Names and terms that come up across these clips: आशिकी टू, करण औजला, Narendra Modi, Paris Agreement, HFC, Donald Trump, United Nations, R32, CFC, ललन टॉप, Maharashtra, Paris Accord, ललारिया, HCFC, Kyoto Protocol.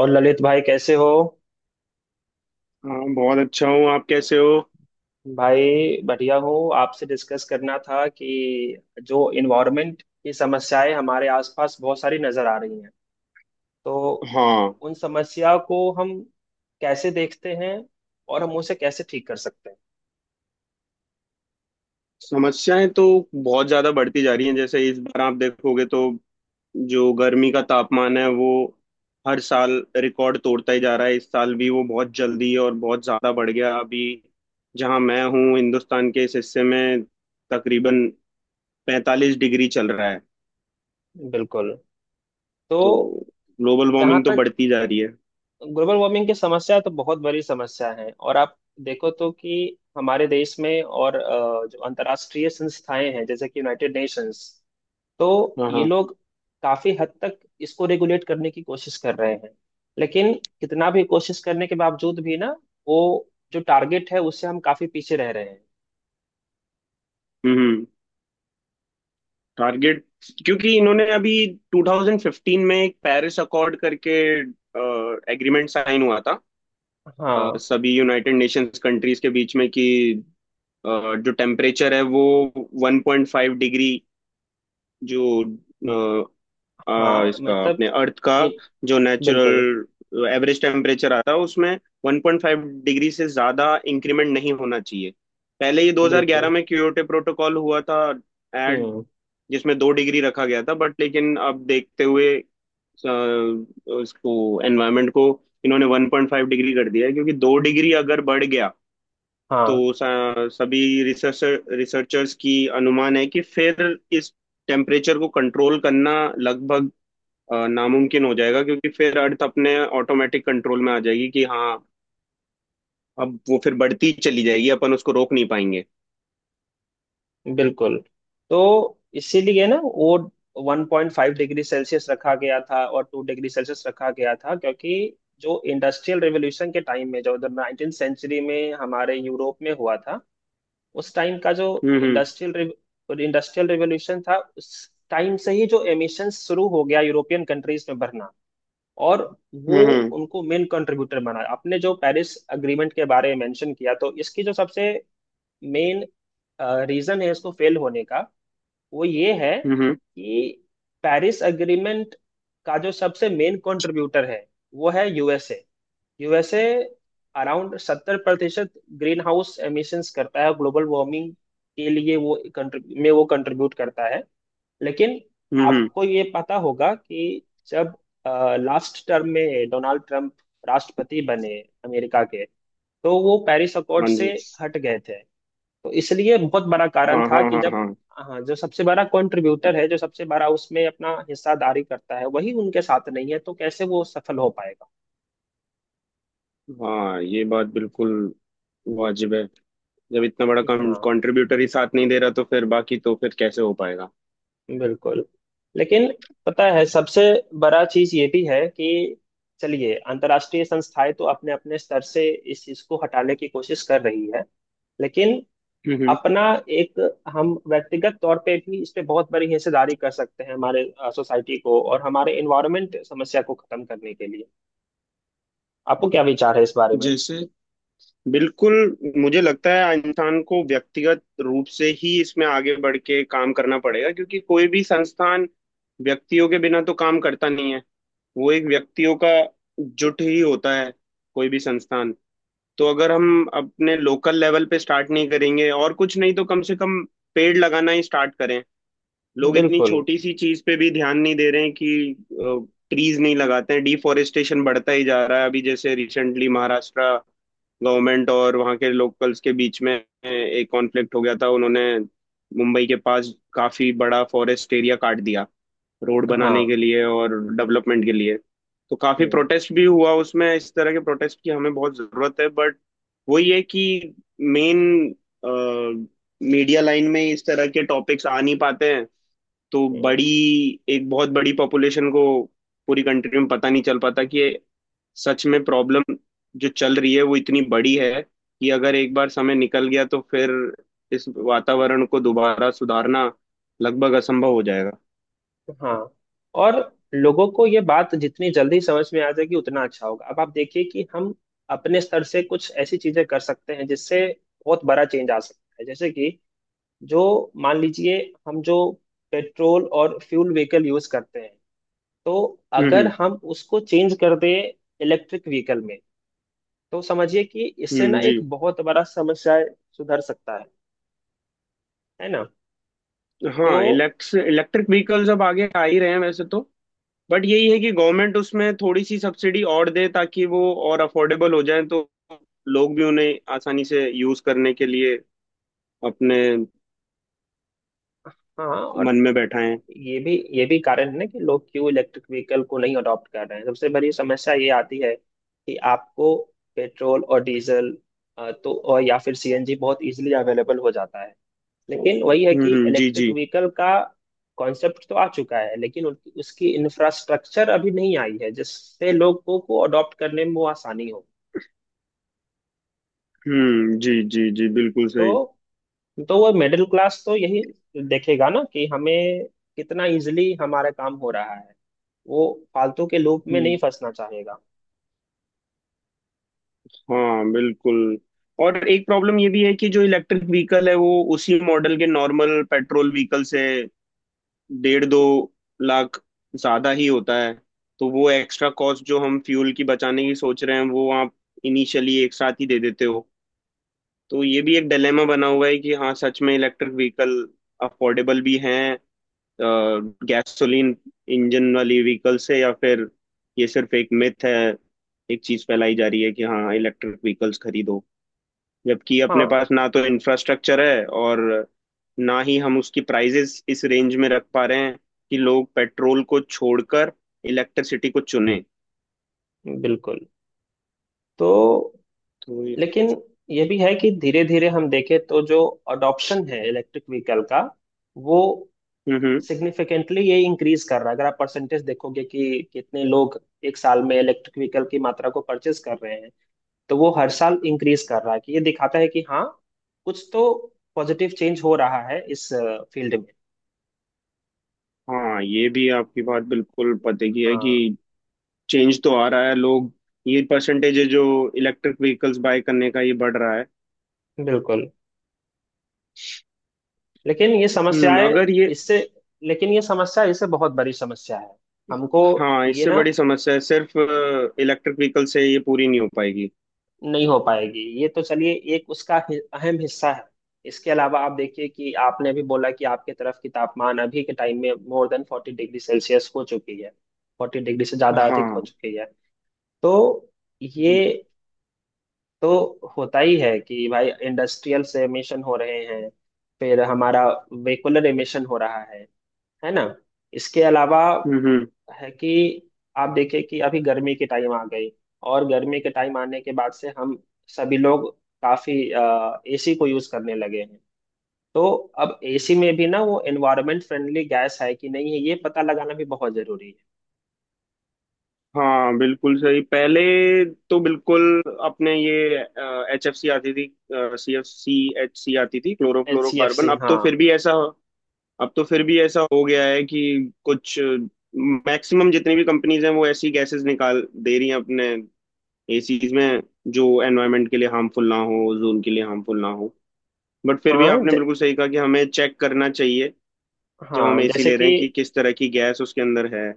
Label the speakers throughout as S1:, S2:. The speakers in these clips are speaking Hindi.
S1: और ललित भाई कैसे हो।
S2: हाँ, बहुत अच्छा हूँ। आप कैसे हो?
S1: भाई बढ़िया हूँ। आपसे डिस्कस करना था कि जो इन्वायरमेंट की समस्याएं हमारे आसपास बहुत सारी नजर आ रही हैं, तो
S2: हाँ।
S1: उन समस्या को हम कैसे देखते हैं और हम उसे कैसे ठीक कर सकते
S2: समस्याएं तो बहुत ज्यादा बढ़ती जा रही हैं। जैसे इस बार आप देखोगे तो जो गर्मी का तापमान है वो हर साल रिकॉर्ड तोड़ता ही जा रहा है। इस साल भी वो बहुत जल्दी और बहुत ज्यादा बढ़ गया। अभी जहाँ मैं हूँ हिंदुस्तान के इस हिस्से में तकरीबन 45 डिग्री चल रहा है।
S1: हैं। बिल्कुल। तो
S2: तो ग्लोबल
S1: जहाँ
S2: वार्मिंग तो
S1: तक
S2: बढ़ती जा रही है।
S1: ग्लोबल वार्मिंग की समस्या है, तो बहुत बड़ी समस्या है और आप देखो तो कि हमारे देश में और जो अंतर्राष्ट्रीय संस्थाएं हैं जैसे कि यूनाइटेड नेशंस, तो
S2: हाँ,
S1: ये
S2: हाँ।
S1: लोग काफी हद तक इसको रेगुलेट करने की कोशिश कर रहे हैं। लेकिन कितना भी कोशिश करने के बावजूद भी ना, वो जो टारगेट है उससे हम काफी पीछे रह रहे हैं।
S2: हम्म। टारगेट, क्योंकि इन्होंने अभी 2015 में एक पेरिस अकॉर्ड करके एग्रीमेंट साइन हुआ था।
S1: हाँ।
S2: सभी यूनाइटेड नेशंस कंट्रीज के बीच में कि अ, जो टेम्परेचर है वो 1.5 डिग्री जो
S1: हाँ
S2: इसका
S1: मतलब
S2: अपने अर्थ का
S1: इन-
S2: जो
S1: बिल्कुल।
S2: नेचुरल एवरेज टेम्परेचर आता है उसमें 1.5 डिग्री से ज्यादा इंक्रीमेंट नहीं होना चाहिए। पहले ये 2011
S1: बिल्कुल।
S2: में क्योटो प्रोटोकॉल हुआ था एट
S1: हम्म।
S2: जिसमें 2 डिग्री रखा गया था, बट लेकिन अब देखते हुए उसको, एनवायरनमेंट को, इन्होंने 1.5 डिग्री कर दिया है क्योंकि 2 डिग्री अगर बढ़ गया तो
S1: हाँ
S2: सभी रिसर्चर्स की अनुमान है कि फिर इस टेम्परेचर को कंट्रोल करना लगभग नामुमकिन हो जाएगा, क्योंकि फिर अर्थ अपने ऑटोमेटिक कंट्रोल में आ जाएगी कि हाँ अब वो फिर बढ़ती चली जाएगी। अपन उसको रोक नहीं पाएंगे।
S1: बिल्कुल। तो इसीलिए ना वो 1.5 डिग्री सेल्सियस रखा गया था और 2 डिग्री सेल्सियस रखा गया था, क्योंकि जो इंडस्ट्रियल रेवोल्यूशन के टाइम में, जो उधर नाइनटीन सेंचुरी में हमारे यूरोप में हुआ था, उस टाइम का जो
S2: हम्म। हम्म।
S1: इंडस्ट्रियल इंडस्ट्रियल रेवोल्यूशन था, उस टाइम से ही जो एमिशन शुरू हो गया यूरोपियन कंट्रीज में भरना, और वो
S2: हम्म।
S1: उनको मेन कंट्रीब्यूटर बना। आपने जो पेरिस अग्रीमेंट के बारे में मेंशन किया, तो इसकी जो सबसे मेन रीजन है इसको फेल होने का, वो ये है
S2: हम्म। हम्म।
S1: कि पेरिस एग्रीमेंट का जो सबसे मेन कंट्रीब्यूटर है, वो है USA. USA around 70% green house emissions करता है। ग्लोबल वार्मिंग के लिए वो कंट्री में वो कंट्रीब्यूट करता है। लेकिन
S2: हम्म, हम्म,
S1: आपको ये पता होगा कि जब लास्ट टर्म में डोनाल्ड ट्रंप राष्ट्रपति बने अमेरिका के, तो वो पेरिस अकॉर्ड
S2: हाँ
S1: से
S2: जी।
S1: हट गए थे। तो इसलिए बहुत बड़ा कारण
S2: हाँ,
S1: था
S2: हाँ,
S1: कि
S2: हाँ,
S1: जब,
S2: हाँ।
S1: हाँ, जो सबसे बड़ा कंट्रीब्यूटर है, जो सबसे बड़ा उसमें अपना हिस्सादारी करता है, वही उनके साथ नहीं है, तो कैसे वो सफल हो पाएगा।
S2: हाँ, ये बात बिल्कुल वाजिब है। जब इतना बड़ा
S1: हाँ
S2: कंट्रीब्यूटर ही साथ नहीं दे रहा तो फिर बाकी तो फिर कैसे हो पाएगा?
S1: बिल्कुल। लेकिन पता है सबसे बड़ा चीज ये भी है कि चलिए अंतर्राष्ट्रीय संस्थाएं तो अपने अपने स्तर से इस चीज को हटाने की कोशिश कर रही है, लेकिन
S2: हम्म।
S1: अपना एक, हम व्यक्तिगत तौर पे भी इस पे बहुत बड़ी हिस्सेदारी कर सकते हैं हमारे सोसाइटी को और हमारे इन्वायरमेंट समस्या को खत्म करने के लिए। आपको क्या विचार है इस बारे में।
S2: जैसे, बिल्कुल। मुझे लगता है इंसान को व्यक्तिगत रूप से ही इसमें आगे बढ़ के काम करना पड़ेगा, क्योंकि कोई भी संस्थान व्यक्तियों के बिना तो काम करता नहीं है। वो एक व्यक्तियों का जुट ही होता है, कोई भी संस्थान। तो अगर हम अपने लोकल लेवल पे स्टार्ट नहीं करेंगे, और कुछ नहीं तो कम से कम पेड़ लगाना ही स्टार्ट करें। लोग इतनी
S1: बिल्कुल।
S2: छोटी सी चीज पे भी ध्यान नहीं दे रहे हैं कि ट्रीज नहीं लगाते हैं। डिफॉरेस्टेशन बढ़ता ही जा रहा है। अभी जैसे रिसेंटली महाराष्ट्र गवर्नमेंट और वहाँ के लोकल्स के बीच में एक कॉन्फ्लिक्ट हो गया था। उन्होंने मुंबई के पास काफी बड़ा फॉरेस्ट एरिया काट दिया रोड बनाने के
S1: हाँ।
S2: लिए और डेवलपमेंट के लिए। तो काफी
S1: हम्म।
S2: प्रोटेस्ट भी हुआ उसमें। इस तरह के प्रोटेस्ट की हमें बहुत जरूरत है, बट वही है कि मेन मीडिया लाइन में इस तरह के टॉपिक्स आ नहीं पाते हैं। तो
S1: हम्म।
S2: बड़ी एक बहुत बड़ी पॉपुलेशन को पूरी कंट्री में पता नहीं चल पाता कि ये सच में प्रॉब्लम जो चल रही है वो इतनी बड़ी है कि अगर एक बार समय निकल गया तो फिर इस वातावरण को दोबारा सुधारना लगभग असंभव हो जाएगा।
S1: हाँ और लोगों को ये बात जितनी जल्दी समझ में आ जाएगी उतना अच्छा होगा। अब आप देखिए कि हम अपने स्तर से कुछ ऐसी चीजें कर सकते हैं जिससे बहुत बड़ा चेंज आ सकता है। जैसे कि, जो, मान लीजिए, हम जो पेट्रोल और फ्यूल व्हीकल यूज करते हैं, तो
S2: हम्म।
S1: अगर
S2: हम्म।
S1: हम उसको चेंज कर दें इलेक्ट्रिक व्हीकल में, तो समझिए कि इससे ना एक
S2: जी।
S1: बहुत बड़ा समस्या सुधर सकता है। है ना। तो
S2: हाँ, इलेक्ट्स इलेक्ट्रिक व्हीकल्स अब आगे आ ही रहे हैं वैसे तो। बट यही है कि गवर्नमेंट उसमें थोड़ी सी सब्सिडी और दे ताकि वो और अफोर्डेबल हो जाए, तो लोग भी उन्हें आसानी से यूज करने के लिए अपने
S1: हाँ। और
S2: मन में बैठा है।
S1: ये भी कारण है ना कि लोग क्यों इलेक्ट्रिक व्हीकल को नहीं अडॉप्ट कर रहे हैं। सबसे बड़ी समस्या ये आती है कि आपको पेट्रोल और डीजल तो और या फिर सीएनजी बहुत इजीली अवेलेबल हो जाता है। लेकिन वही है
S2: हम्म,
S1: कि
S2: जी,
S1: इलेक्ट्रिक
S2: जी।
S1: व्हीकल का कॉन्सेप्ट तो आ चुका है, लेकिन उनकी उसकी इंफ्रास्ट्रक्चर अभी नहीं आई है जिससे लोगों को अडॉप्ट करने में वो आसानी हो।
S2: हम्म, जी, जी, जी, बिल्कुल सही।
S1: तो तो वो मिडिल क्लास तो यही देखेगा ना कि हमें कितना इजिली हमारा काम हो रहा है। वो फालतू के लूप में नहीं
S2: हम्म।
S1: फंसना चाहेगा।
S2: हाँ, बिल्कुल। और एक प्रॉब्लम ये भी है कि जो इलेक्ट्रिक व्हीकल है वो उसी मॉडल के नॉर्मल पेट्रोल व्हीकल से डेढ़ दो लाख ज्यादा ही होता है। तो वो एक्स्ट्रा कॉस्ट जो हम फ्यूल की बचाने की सोच रहे हैं वो आप इनिशियली एक साथ ही दे देते हो। तो ये भी एक डिलेमा बना हुआ है कि हाँ सच में इलेक्ट्रिक व्हीकल अफोर्डेबल भी हैं गैसोलीन इंजन वाली व्हीकल से, या फिर ये सिर्फ एक मिथ है। एक चीज फैलाई जा रही है कि हाँ इलेक्ट्रिक व्हीकल्स खरीदो, जबकि अपने
S1: हाँ
S2: पास ना तो इंफ्रास्ट्रक्चर है और ना ही हम उसकी प्राइजेस इस रेंज में रख पा रहे हैं कि लोग पेट्रोल को छोड़कर इलेक्ट्रिसिटी को चुने।
S1: बिल्कुल। तो
S2: तो।
S1: लेकिन ये भी है कि धीरे धीरे हम देखें तो जो अडॉप्शन है इलेक्ट्रिक व्हीकल का, वो
S2: हम्म,
S1: सिग्निफिकेंटली ये इंक्रीज कर रहा है। अगर आप परसेंटेज देखोगे कि कितने लोग एक साल में इलेक्ट्रिक व्हीकल की मात्रा को परचेज कर रहे हैं, तो वो हर साल इंक्रीज कर रहा है। कि ये दिखाता है कि हाँ कुछ तो पॉजिटिव चेंज हो रहा है इस फील्ड में।
S2: हाँ। ये भी आपकी बात बिल्कुल पते की है कि
S1: हाँ
S2: चेंज तो आ रहा है। लोग ये परसेंटेज जो इलेक्ट्रिक व्हीकल्स बाय करने का, ये बढ़ रहा है।
S1: बिल्कुल। लेकिन ये
S2: हम्म।
S1: समस्याएं
S2: अगर ये
S1: इससे लेकिन ये समस्या इससे बहुत बड़ी समस्या है हमको।
S2: हाँ,
S1: ये
S2: इससे
S1: ना
S2: बड़ी समस्या है, सिर्फ इलेक्ट्रिक व्हीकल से ये पूरी नहीं हो पाएगी।
S1: नहीं हो पाएगी। ये तो चलिए एक उसका अहम हिस्सा है। इसके अलावा आप देखिए कि आपने भी बोला कि आपके तरफ की तापमान अभी के टाइम में more than forty degree Celsius हो चुकी है। फोर्टी डिग्री से ज्यादा अधिक हो
S2: हाँ,
S1: चुकी है। तो ये
S2: जी, जी।
S1: तो होता ही है कि भाई इंडस्ट्रियल से एमिशन हो रहे हैं, फिर हमारा वेहिकुलर एमिशन हो रहा है। है ना। इसके अलावा
S2: हम्म। हम्म।
S1: है कि आप देखिए कि अभी गर्मी की टाइम आ गई, और गर्मी के टाइम आने के बाद से हम सभी लोग काफी एसी को यूज करने लगे हैं। तो अब एसी में भी ना वो एनवायरमेंट फ्रेंडली गैस है कि नहीं है, ये पता लगाना भी बहुत जरूरी
S2: हाँ, बिल्कुल सही। पहले तो बिल्कुल अपने ये एच एफ सी आती थी, C F C, H C आती थी,
S1: है। H C F
S2: chlorofluorocarbon.
S1: सी, हाँ।
S2: अब तो फिर भी ऐसा हो गया है कि कुछ मैक्सिमम जितनी भी कंपनीज हैं वो ऐसी गैसेस निकाल दे रही हैं अपने एसीज में, जो एनवायरनमेंट के लिए हार्मफुल ना हो, ओजोन के लिए हार्मफुल ना हो। बट फिर भी
S1: हाँ
S2: आपने
S1: ज,
S2: बिल्कुल सही कहा कि हमें चेक करना चाहिए जब हम
S1: हाँ
S2: एसी
S1: जैसे
S2: ले रहे
S1: कि,
S2: हैं कि किस तरह की गैस उसके अंदर है।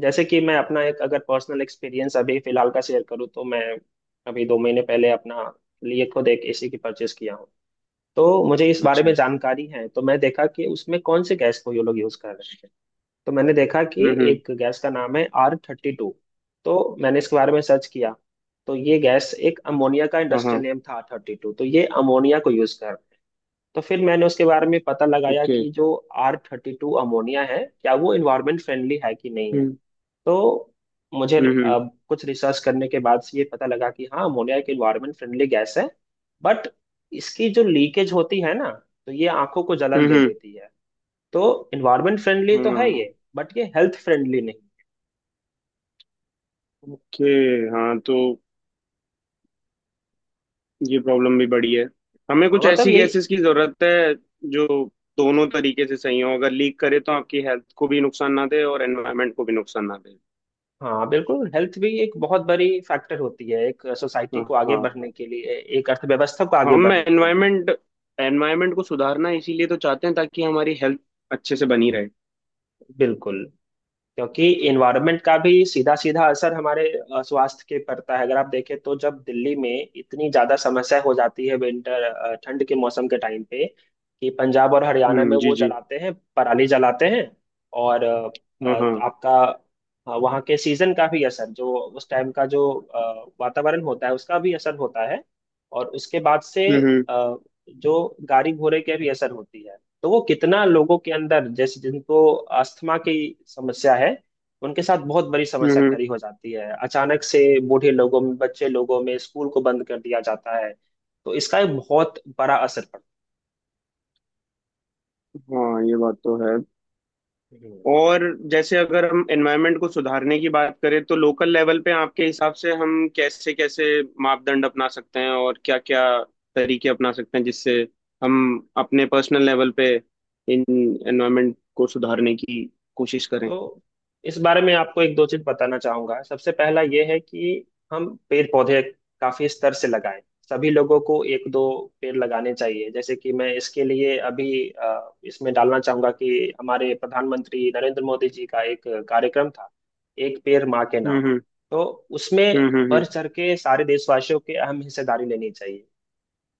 S1: जैसे कि मैं अपना एक अगर पर्सनल एक्सपीरियंस अभी फिलहाल का शेयर करूँ, तो मैं अभी 2 महीने पहले अपना लिए खुद एक एसी की परचेस किया हूँ। तो मुझे इस बारे में
S2: अच्छा।
S1: जानकारी है। तो मैं देखा कि उसमें कौन से गैस को ये लोग यूज़ कर रहे हैं। तो मैंने देखा
S2: हम्म।
S1: कि
S2: हम्म।
S1: एक गैस का नाम है आर थर्टी टू। तो मैंने इसके बारे में सर्च किया, तो ये गैस एक अमोनिया का
S2: हाँ,
S1: इंडस्ट्रियल
S2: हाँ।
S1: नेम था। आर थर्टी टू, तो ये अमोनिया को यूज़ कर रहे हैं। तो फिर मैंने उसके बारे में पता लगाया
S2: ओके।
S1: कि जो आर थर्टी टू अमोनिया है, क्या वो इन्वायरमेंट फ्रेंडली है कि नहीं है।
S2: हम्म।
S1: तो मुझे
S2: हम्म। हम्म।
S1: अब कुछ रिसर्च करने के बाद से ये पता लगा कि हाँ, अमोनिया एक इन्वायरमेंट फ्रेंडली गैस है। बट इसकी जो लीकेज होती है ना, तो ये आंखों को जलन दे
S2: हम्म।
S1: देती है। तो इन्वायरमेंट फ्रेंडली तो है
S2: हाँ।
S1: ये, बट ये हेल्थ फ्रेंडली नहीं।
S2: ओके। हाँ, तो ये प्रॉब्लम भी बड़ी है। हमें
S1: हाँ
S2: कुछ
S1: मतलब
S2: ऐसी
S1: यही।
S2: गैसेस की जरूरत है जो दोनों तरीके से सही हो, अगर लीक करे तो आपकी हेल्थ को भी नुकसान ना दे और एनवायरनमेंट को भी नुकसान ना दे।
S1: हाँ बिल्कुल। हेल्थ भी एक बहुत बड़ी फैक्टर होती है एक सोसाइटी को आगे बढ़ने
S2: हाँ।
S1: के लिए, एक अर्थव्यवस्था को आगे
S2: हम
S1: बढ़ने के लिए।
S2: एनवायरनमेंट एनवायरनमेंट को सुधारना इसीलिए तो चाहते हैं ताकि हमारी हेल्थ अच्छे से बनी रहे।
S1: बिल्कुल। क्योंकि इन्वायरमेंट का भी सीधा सीधा असर हमारे स्वास्थ्य के पड़ता है। अगर आप देखें तो जब दिल्ली में इतनी ज्यादा समस्या हो जाती है विंटर, ठंड के मौसम के टाइम पे, कि पंजाब और हरियाणा
S2: हम्म,
S1: में
S2: जी,
S1: वो
S2: जी।
S1: जलाते हैं, पराली जलाते हैं, और
S2: हाँ,
S1: अ,
S2: हाँ।
S1: आपका वहाँ के सीजन का भी असर, जो उस टाइम का जो वातावरण होता है, उसका भी असर होता है। और उसके बाद से
S2: हम्म।
S1: अ, जो गाड़ी घोड़े के भी असर होती है, तो वो कितना लोगों के अंदर, जैसे जिनको अस्थमा की समस्या है, उनके साथ बहुत बड़ी
S2: हम्म।
S1: समस्या खड़ी हो जाती है अचानक से। बूढ़े लोगों में, बच्चे लोगों में, स्कूल को बंद कर दिया जाता है। तो इसका एक बहुत बड़ा असर पड़ता
S2: हाँ। ये बात तो है।
S1: है।
S2: और जैसे अगर हम एनवायरनमेंट को सुधारने की बात करें तो लोकल लेवल पे आपके हिसाब से हम कैसे कैसे मापदंड अपना सकते हैं और क्या क्या तरीके अपना सकते हैं जिससे हम अपने पर्सनल लेवल पे इन एनवायरनमेंट को सुधारने की कोशिश करें?
S1: तो इस बारे में आपको एक दो चीज बताना चाहूंगा। सबसे पहला ये है कि हम पेड़ पौधे काफी स्तर से लगाएं। सभी लोगों को एक दो पेड़ लगाने चाहिए। जैसे कि मैं इसके लिए अभी इसमें डालना चाहूंगा कि हमारे प्रधानमंत्री नरेंद्र मोदी जी का एक कार्यक्रम था, एक पेड़ माँ के
S2: हम्म।
S1: नाम।
S2: हम्म।
S1: तो उसमें
S2: हम्म। हम्म।
S1: बढ़ चढ़ के सारे देशवासियों की अहम हिस्सेदारी लेनी चाहिए।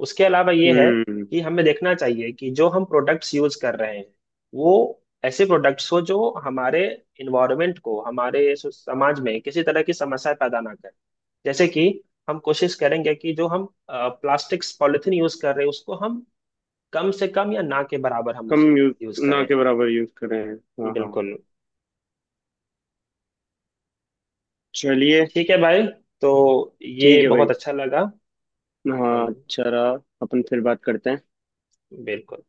S1: उसके अलावा ये है
S2: हम्म,
S1: कि हमें देखना चाहिए कि जो हम प्रोडक्ट्स यूज कर रहे हैं, वो ऐसे प्रोडक्ट्स हो जो हमारे इन्वायरमेंट को, हमारे समाज में किसी तरह की समस्या पैदा ना करें। जैसे कि हम कोशिश करेंगे कि जो हम प्लास्टिक्स पॉलिथीन यूज कर रहे हैं, उसको हम कम से कम या ना के बराबर हम
S2: कम
S1: उसे
S2: यूज,
S1: यूज
S2: ना
S1: करें।
S2: के बराबर यूज करें। हाँ, हाँ।
S1: बिल्कुल।
S2: चलिए।
S1: ठीक है भाई। तो ये
S2: ठीक है भाई।
S1: बहुत अच्छा लगा। हम
S2: हाँ, अच्छा रहा। अपन फिर बात करते हैं।
S1: बिल्कुल।